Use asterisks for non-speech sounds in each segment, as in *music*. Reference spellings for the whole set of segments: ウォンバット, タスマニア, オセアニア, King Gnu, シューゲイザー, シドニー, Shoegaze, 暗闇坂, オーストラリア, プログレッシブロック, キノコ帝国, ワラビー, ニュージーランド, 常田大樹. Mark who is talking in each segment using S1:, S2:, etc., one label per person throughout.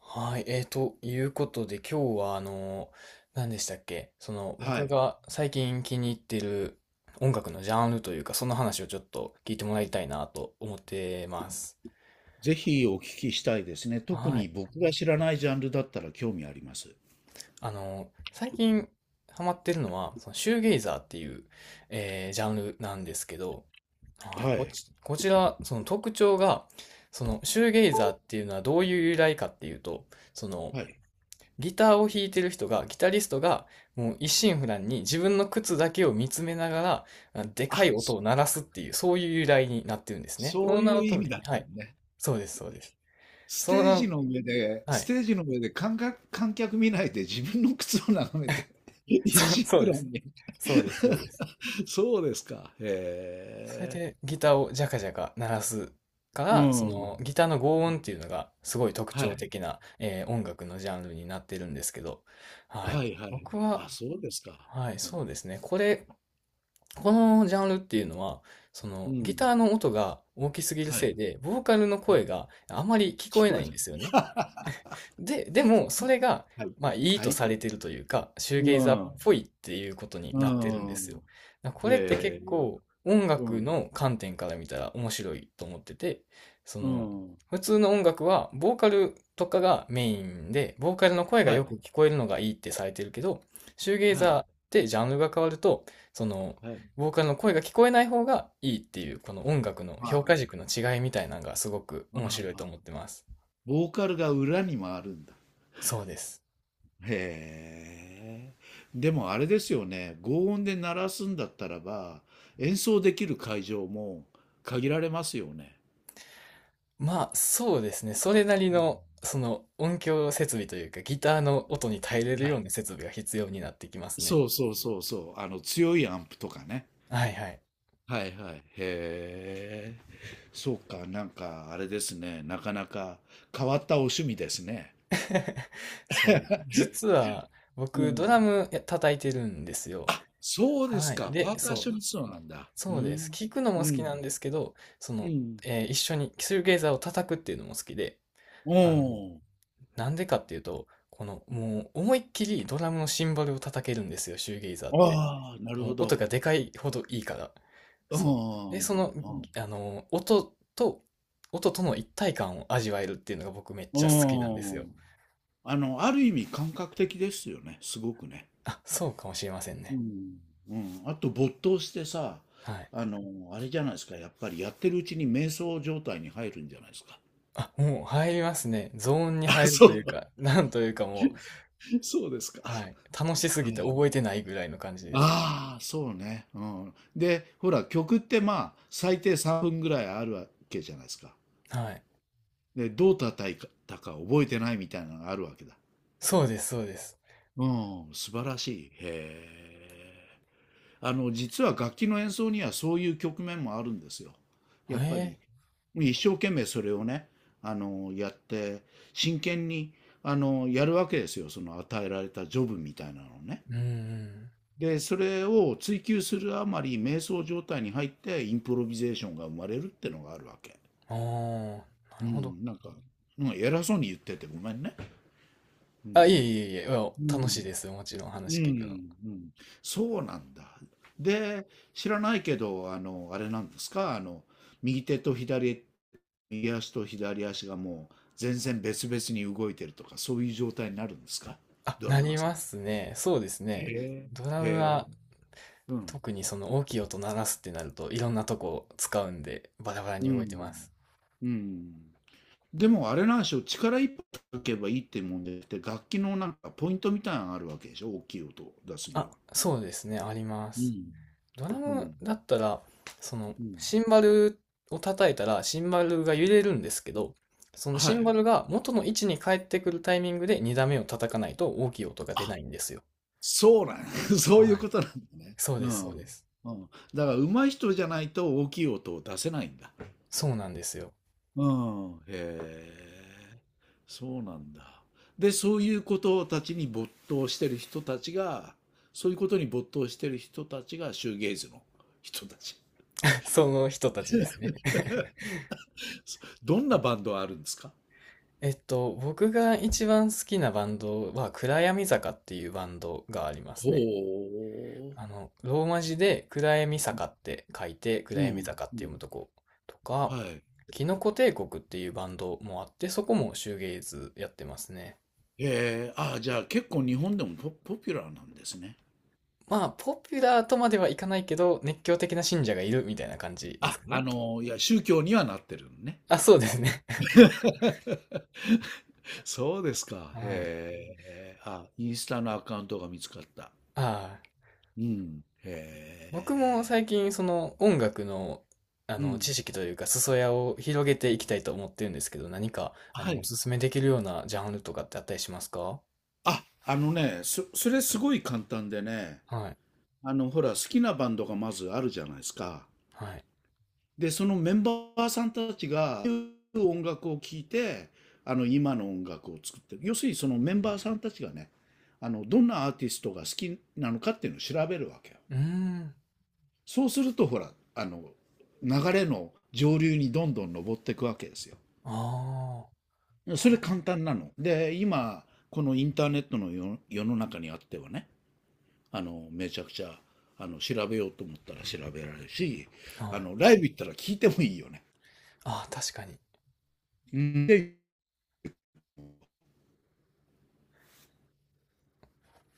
S1: はい、ということで、今日は何でしたっけ、その
S2: は
S1: 僕
S2: い。
S1: が最近気に入ってる音楽のジャンルというか、その話をちょっと聞いてもらいたいなと思ってます。
S2: ぜひお聞きしたいですね。特
S1: は
S2: に
S1: い。
S2: 僕が知らないジャンルだったら興味あります。
S1: 最近ハマってるのは、そのシューゲイザーっていう、ジャンルなんですけど、はい、
S2: はい。
S1: こちら、その特徴が、そのシューゲイザーっていうのはどういう由来かっていうと、その、
S2: はい。
S1: ギターを弾いてる人が、ギタリストが、もう一心不乱に自分の靴だけを見つめながら、でか
S2: あ、
S1: い音
S2: そ
S1: を鳴らすっていう、そういう由来になってるんですね。そ
S2: そう
S1: の名
S2: い
S1: の
S2: う意
S1: 通
S2: 味だ
S1: り、
S2: っ
S1: は
S2: たの
S1: い。
S2: ね。
S1: そうです、そうです。
S2: ス
S1: そ
S2: テ
S1: の
S2: ー
S1: 名の。
S2: ジの上で、
S1: はい。
S2: 観客見ないで自分の靴を眺めて、*laughs*
S1: そう、
S2: 石
S1: そう
S2: 浦
S1: です。
S2: に。
S1: そうです、そうです。
S2: *laughs* そうですか。
S1: それ
S2: へえ。
S1: でギターをジャカジャカ鳴らすか
S2: う
S1: ら、そ
S2: ん。
S1: のギターの轟音っていうのがすごい特
S2: は
S1: 徴
S2: い。
S1: 的な、音楽のジャンルになってるんですけど、はい。
S2: はいはい。
S1: 僕は、
S2: あ、そうですか。
S1: はい、
S2: うん。
S1: そうですね。このジャンルっていうのは、そ
S2: う
S1: のギ
S2: ん。
S1: ターの音が大きすぎる
S2: はい。は
S1: せいで、ボーカルの
S2: い。
S1: 声があまり聞こ
S2: 聞
S1: えな
S2: こえ
S1: いんですよね。
S2: た。*laughs*
S1: でも、それが、
S2: はい。
S1: まあ、いい
S2: は
S1: と
S2: い。
S1: されてるというか、シュー
S2: う
S1: ゲイザーっ
S2: ん。
S1: ぽいっていうことに
S2: う
S1: なってるんですよ。
S2: ん。
S1: だからこれって結
S2: ええ。
S1: 構、音
S2: う
S1: 楽
S2: ん。
S1: の観点から見たら面白いと思ってて、そ
S2: う
S1: の、
S2: ん。
S1: 普通の音楽は、ボーカルとかがメインで、ボーカルの声が
S2: は
S1: よく
S2: い。
S1: 聞こえるのがいいってされてるけど、シューゲイ
S2: は
S1: ザーっ
S2: い。
S1: てジャンルが変わると、その、
S2: はい。
S1: ボーカルの声が聞こえない方がいいっていう、この音楽の
S2: ああ、
S1: 評価軸の違いみたいなのがすごく
S2: あ
S1: 面白いと
S2: あ。
S1: 思ってます。
S2: ボーカルが裏にもあるんだ。
S1: そうです。
S2: へえ。でもあれですよね、強音で鳴らすんだったらば、演奏できる会場も限られますよね。
S1: まあ、そうですね。それなり
S2: うん。
S1: の、その音響設備というか、ギターの音に耐えれる
S2: は
S1: よう
S2: い。
S1: な設備が必要になってきますね。
S2: そうそうそうそう。あの、強いアンプとかね。
S1: はいはい。
S2: はいはい。へえ。そうか、なんか、あれですね。なかなか変わったお趣味ですね。
S1: *laughs* そう、
S2: *laughs*
S1: 実は
S2: う
S1: 僕ド
S2: ん。
S1: ラムや叩いてるんですよ。
S2: あ、そうで
S1: は
S2: す
S1: い。
S2: か。
S1: で、
S2: パーカッシ
S1: そう、
S2: ョニストなんだ。う
S1: そうです。
S2: ん。
S1: 聞くの
S2: う
S1: も好き
S2: ん。
S1: なんですけど、
S2: うん。
S1: 一緒にシューゲイザーを叩くっていうのも好きで、
S2: う
S1: あの、
S2: ん。
S1: なんでかっていうと、もう思いっきりドラムのシンバルを叩けるんですよ、シューゲイザーって。
S2: ああ、なるほ
S1: 音が
S2: ど。
S1: でかいほどいいから。
S2: う
S1: そう。で、
S2: ん。うん。
S1: あの、音と、音との一体感を味わえるっていうのが僕めっちゃ好きなんです
S2: う
S1: よ。
S2: ん。あの、ある意味感覚的ですよね。すごくね。
S1: あ、そうかもしれません
S2: う
S1: ね。
S2: ん。うん。あと没頭してさ、
S1: はい。
S2: あの、あれじゃないですか。やっぱりやってるうちに瞑想状態に入るんじゃないですか。
S1: あ、もう入りますね。ゾーンに
S2: あ、
S1: 入る
S2: そ
S1: という
S2: う。
S1: か、なんというかも
S2: *laughs* そうですか。
S1: う、はい。楽しす
S2: は
S1: ぎて
S2: い。
S1: 覚えてないぐらいの感じです。
S2: ああ、そうね。うん。で、ほら、曲ってまあ、最低3分ぐらいあるわけじゃないですか。
S1: はい。
S2: で、どう叩いたか覚えてないみたいなのがあるわけだ。
S1: そうです、そうです。
S2: うん、素晴らしい。へえ。あの、実は楽器の演奏にはそういう局面もあるんですよ。やっぱ
S1: え
S2: り、一生懸命それをね、やって、真剣に、やるわけですよ。その与えられたジョブみたいなのをね。
S1: うん
S2: で、それを追求するあまり瞑想状態に入ってインプロビゼーションが生まれるってのがあるわけ。
S1: うん。ああ、
S2: う
S1: なるほど。
S2: ん、なんか、うん、偉そうに言っててごめんね。う
S1: あ、い
S2: ん。
S1: えいえいえ、いや
S2: う
S1: 楽し
S2: ん。
S1: いです。もちろん
S2: う
S1: 話聞くの。
S2: ん。うん。そうなんだ。で、知らないけど、あれなんですか、右手と左、右足と左足がもう全然別々に動いてるとか、そういう状態になるんですか？
S1: あ、
S2: ド
S1: な
S2: ラマ
S1: り
S2: ーさ
S1: ま
S2: ん。
S1: すね。そうです
S2: へ
S1: ね。
S2: え。
S1: ドラム
S2: へえ。
S1: は
S2: うん。
S1: 特にその大きい音鳴らすってなるといろんなとこ使うんでバラバラに
S2: う
S1: 動いて
S2: ん。
S1: ます。
S2: うん。でもあれなんでしょう、力一いかけばいいってもんでって、で楽器のなんかポイントみたいなのがあるわけでしょ、大きい音を出すに
S1: あ、
S2: は。
S1: そうですね。ありま
S2: う
S1: す。
S2: ん。
S1: ドラ
S2: う
S1: ム
S2: ん。
S1: だったら、その
S2: うん。
S1: シンバルを叩いたらシンバルが揺れるんですけど、その
S2: は
S1: シン
S2: い。
S1: バルが元の位置に帰ってくるタイミングで2打目を叩かないと大きい音が出ないんですよ。
S2: そうなん *laughs* そうい
S1: は
S2: う
S1: い。
S2: ことなんだね。
S1: そう
S2: う
S1: です、
S2: ん。
S1: そ
S2: う
S1: うです。
S2: ん。だから上手い人じゃないと大きい音を出せないんだ。
S1: そうなんですよ。
S2: うん。へえ。そうなんだ。で、そういうことたちに没頭してる人たちが、そういうことに没頭してる人たちがシューゲイズの人たち。
S1: *laughs* その人たちですね。
S2: *laughs* どんなバンドあるんですか？
S1: 僕が一番好きなバンドは、暗闇坂っていうバンドがありますね。
S2: ほう。
S1: ローマ字で暗闇坂って書いて、
S2: う
S1: 暗闇
S2: ん、
S1: 坂っ
S2: う
S1: て読む
S2: ん。
S1: とことか、
S2: はい。
S1: キノコ帝国っていうバンドもあって、そこもシューゲイズやってますね。
S2: ええ、ああ、じゃあ結構日本でもポピュラーなんですね。
S1: まあ、ポピュラーとまではいかないけど、熱狂的な信者がいるみたいな感じです
S2: あ、
S1: かね。
S2: いや、宗教にはなってるのね。
S1: あ、そうですね。
S2: そうです
S1: *laughs*
S2: か。
S1: はい。
S2: へえ。あ、インスタのアカウントが見つかった。
S1: ああ、
S2: うん。
S1: 僕も最
S2: へ
S1: 近その音楽の、
S2: え。うん。
S1: 知識というか裾野を広げていきたいと思ってるんですけど、何か
S2: は
S1: お
S2: い。
S1: すすめできるようなジャンルとかってあったりしますか？
S2: あ、あのね、それすごい簡単でね、
S1: はい。
S2: ほら、好きなバンドがまずあるじゃないですか。
S1: はい。
S2: で、そのメンバーさんたちが、音楽を聴いて、今の音楽を作ってる。要するにそのメンバーさんたちがね、どんなアーティストが好きなのかっていうのを調べるわけよ。
S1: うーん。
S2: そうすると、ほら、流れの上流にどんどん上っていくわけです
S1: あ
S2: よ。それ簡単なの。で、今、このインターネットの世の中にあってはね、めちゃくちゃ、調べようと思ったら調べられるし、
S1: あ。はい。
S2: ライブ行ったら聞いてもいいよね。
S1: ああ、確かに。
S2: で、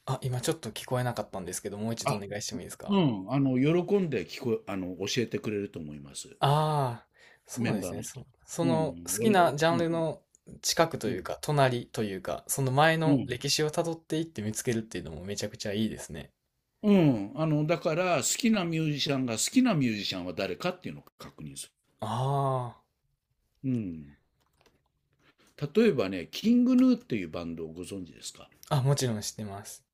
S1: あ、今ちょっと聞こえなかったんですけど、もう一度お
S2: あ、
S1: 願いしてもいいです
S2: う
S1: か？
S2: ん、喜んで聞こあの、教えてくれると思います。
S1: ああ、そ
S2: メ
S1: う
S2: ン
S1: で
S2: バ
S1: す
S2: ー
S1: ね。
S2: の人。
S1: そ、そ
S2: う
S1: の
S2: ん、
S1: 好き
S2: 俺、
S1: なジャン
S2: う
S1: ル
S2: ん、
S1: の近くと
S2: う
S1: いう
S2: ん、
S1: か、隣というか、その前
S2: う
S1: の
S2: ん。
S1: 歴史をたどっていって見つけるっていうのもめちゃくちゃいいですね。
S2: うん、だから、好きなミュージシャンが好きなミュージシャンは誰かっていうのを確認す
S1: ああ。
S2: る。うん。例えばね、キングヌーっていうバンドをご存知ですか？
S1: あ、もちろん知ってます。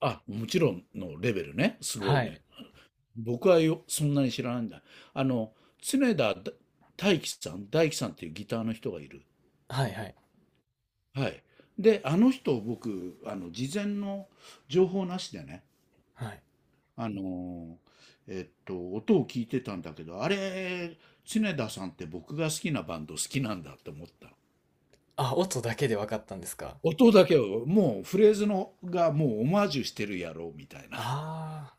S2: あ、もちろんのレベルね。すごい
S1: は
S2: ね。
S1: い。
S2: 僕はよ、そんなに知らないんだ。あの、常田大樹さんっていうギターの人がいる。
S1: はいはい。
S2: はい。で、あの人、僕、事前の情報なしでね、
S1: はい。
S2: あの音を聞いてたんだけど、あれ、常田さんって僕が好きなバンド好きなんだって思った。
S1: あ、音だけで分かったんですか？
S2: 音だけを、もうフレーズのがもうオマージュしてるやろうみたいな。
S1: あ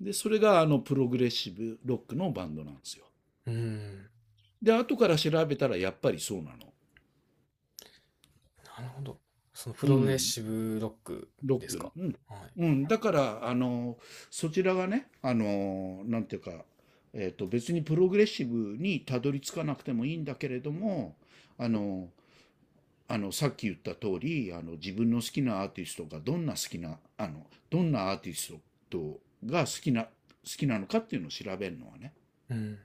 S2: で、それがあのプログレッシブロックのバンドなんですよ。
S1: あー、うん。
S2: で、後から調べたらやっぱりそうなの。
S1: なるほど。そのプ
S2: う
S1: ログレッ
S2: ん。
S1: シブロック
S2: ロ
S1: で
S2: ッ
S1: す
S2: ク。
S1: か？
S2: うん。
S1: はい。
S2: うん、だから、そちらがね、なんていうか、別にプログレッシブにたどり着かなくてもいいんだけれども、あの、さっき言った通り、自分の好きなアーティストがどんな好きな、あの、どんなアーティストが好きな、のかっていうのを調べるのはね、
S1: うん。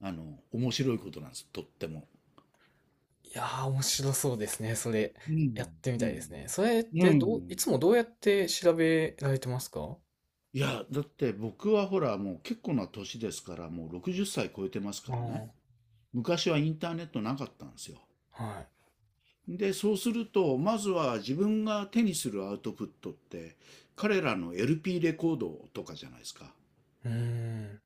S2: 面白いことなんです、とっても。
S1: いやー、面白そうですね。それ、
S2: う
S1: や
S2: ん、
S1: ってみ
S2: う
S1: たいで
S2: ん、
S1: すね。それっ
S2: う
S1: てどう、い
S2: ん。
S1: つもどうやって調べられてますか？
S2: いや、だって僕はほら、もう結構な年ですから、もう60歳超えてますか
S1: あ
S2: らね。
S1: あ
S2: 昔はインターネットなかったんですよ。
S1: はい。
S2: で、そうすると、まずは自分が手にするアウトプットって、彼らの LP レコードとかじゃないですか。
S1: うーん。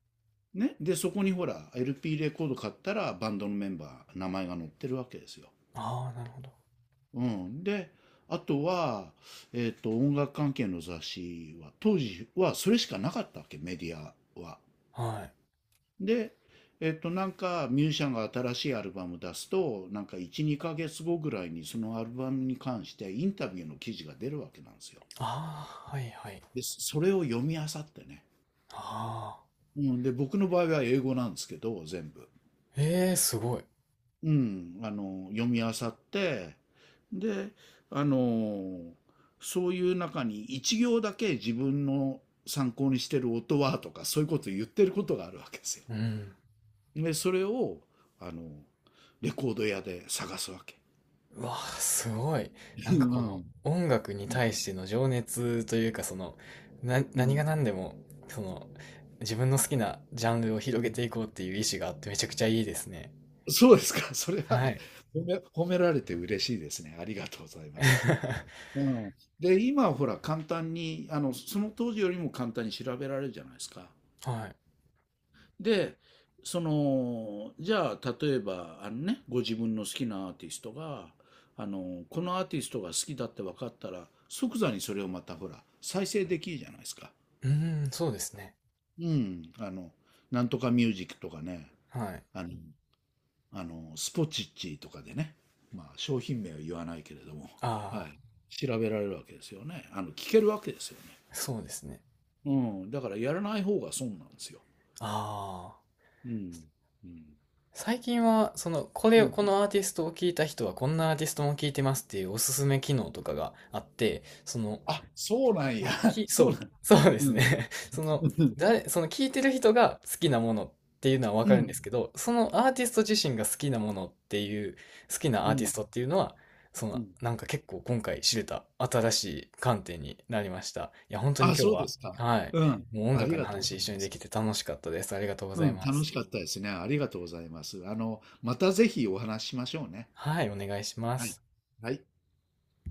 S2: ね。で、そこにほら、LP レコード買ったら、バンドのメンバー、名前が載ってるわけですよ。
S1: ああ、なるほど。
S2: うん。で、あとは、音楽関係の雑誌は、当時はそれしかなかったわけ、メディアは。
S1: はい。
S2: で、なんかミュージシャンが新しいアルバム出すと、なんか1、2ヶ月後ぐらいにそのアルバムに関してインタビューの記事が出るわけなんですよ。
S1: ああ、はいはい。
S2: で、それを読み漁ってね。
S1: ああ、
S2: うん、で、僕の場合は英語なんですけど、全部。
S1: ええー、すごい。
S2: うん、読み漁って、で、あの、そういう中に一行だけ自分の参考にしてる音はとか、そういうことを言ってることがあるわけですよ。
S1: うん。
S2: で、それを、あの、レコード屋で探すわけ。
S1: うわあ、すごい。な
S2: う
S1: んかこの
S2: ん。
S1: 音楽に対しての情熱というか、な、
S2: う
S1: 何が
S2: ん。
S1: 何でも、その、自分の好きなジャンルを広
S2: う
S1: げ
S2: ん。
S1: ていこうっていう意志があってめちゃくちゃいいですね。
S2: そうですか。それは
S1: は
S2: ね、
S1: い。
S2: 褒められて嬉しいですね。ありがとうございます。
S1: *laughs*
S2: うん。で、今はほら簡単に、その当時よりも簡単に調べられるじゃないですか。
S1: はい。
S2: で、その、じゃあ、例えば、あのね、ご自分の好きなアーティストが、このアーティストが好きだって分かったら、即座にそれをまたほら、再生できるじゃないですか。
S1: うーん、そうですね。
S2: うん、なんとかミュージックとかね、
S1: はい。
S2: あの、スポチッチとかでね、まあ、商品名は言わないけれども、
S1: あ
S2: はい、調べられるわけですよね。聞けるわけですよね。
S1: あ、そうですね。
S2: うん、だからやらない方が損なんですよ。
S1: ああ。
S2: うん、うん、
S1: 最近は、これ
S2: う
S1: を、
S2: ん。
S1: このアーティストを聞いた人は、こんなアーティストも聞いてますっていうおすすめ機能とかがあって、
S2: あ、そうなん
S1: は
S2: や。
S1: い、
S2: *laughs* そ
S1: そ
S2: う
S1: う、
S2: なん。
S1: *laughs* そうで
S2: う
S1: す
S2: ん、
S1: ね。*laughs*
S2: うん、
S1: その聞いてる人が好きなものっていうのはわ
S2: う
S1: かるん
S2: ん、
S1: ですけど、そのアーティスト自身が好きなものっていう、好きな
S2: う
S1: アーティ
S2: ん、
S1: ストっていうのは、なんか結構今回知れた新しい観点になりました。いや、本当に
S2: あ、
S1: 今
S2: そ
S1: 日
S2: うで
S1: は、
S2: すか。
S1: はい、
S2: うん、
S1: もう音
S2: あり
S1: 楽の
S2: がとうご
S1: 話
S2: ざい
S1: 一緒に
S2: ま
S1: で
S2: す。
S1: きて楽しかったです。ありがとうご
S2: う
S1: ざい
S2: ん、
S1: ま
S2: 楽
S1: す。
S2: しかったですね。ありがとうございます。またぜひお話ししましょうね。
S1: はい、お願いしま
S2: はい。
S1: す。
S2: はい。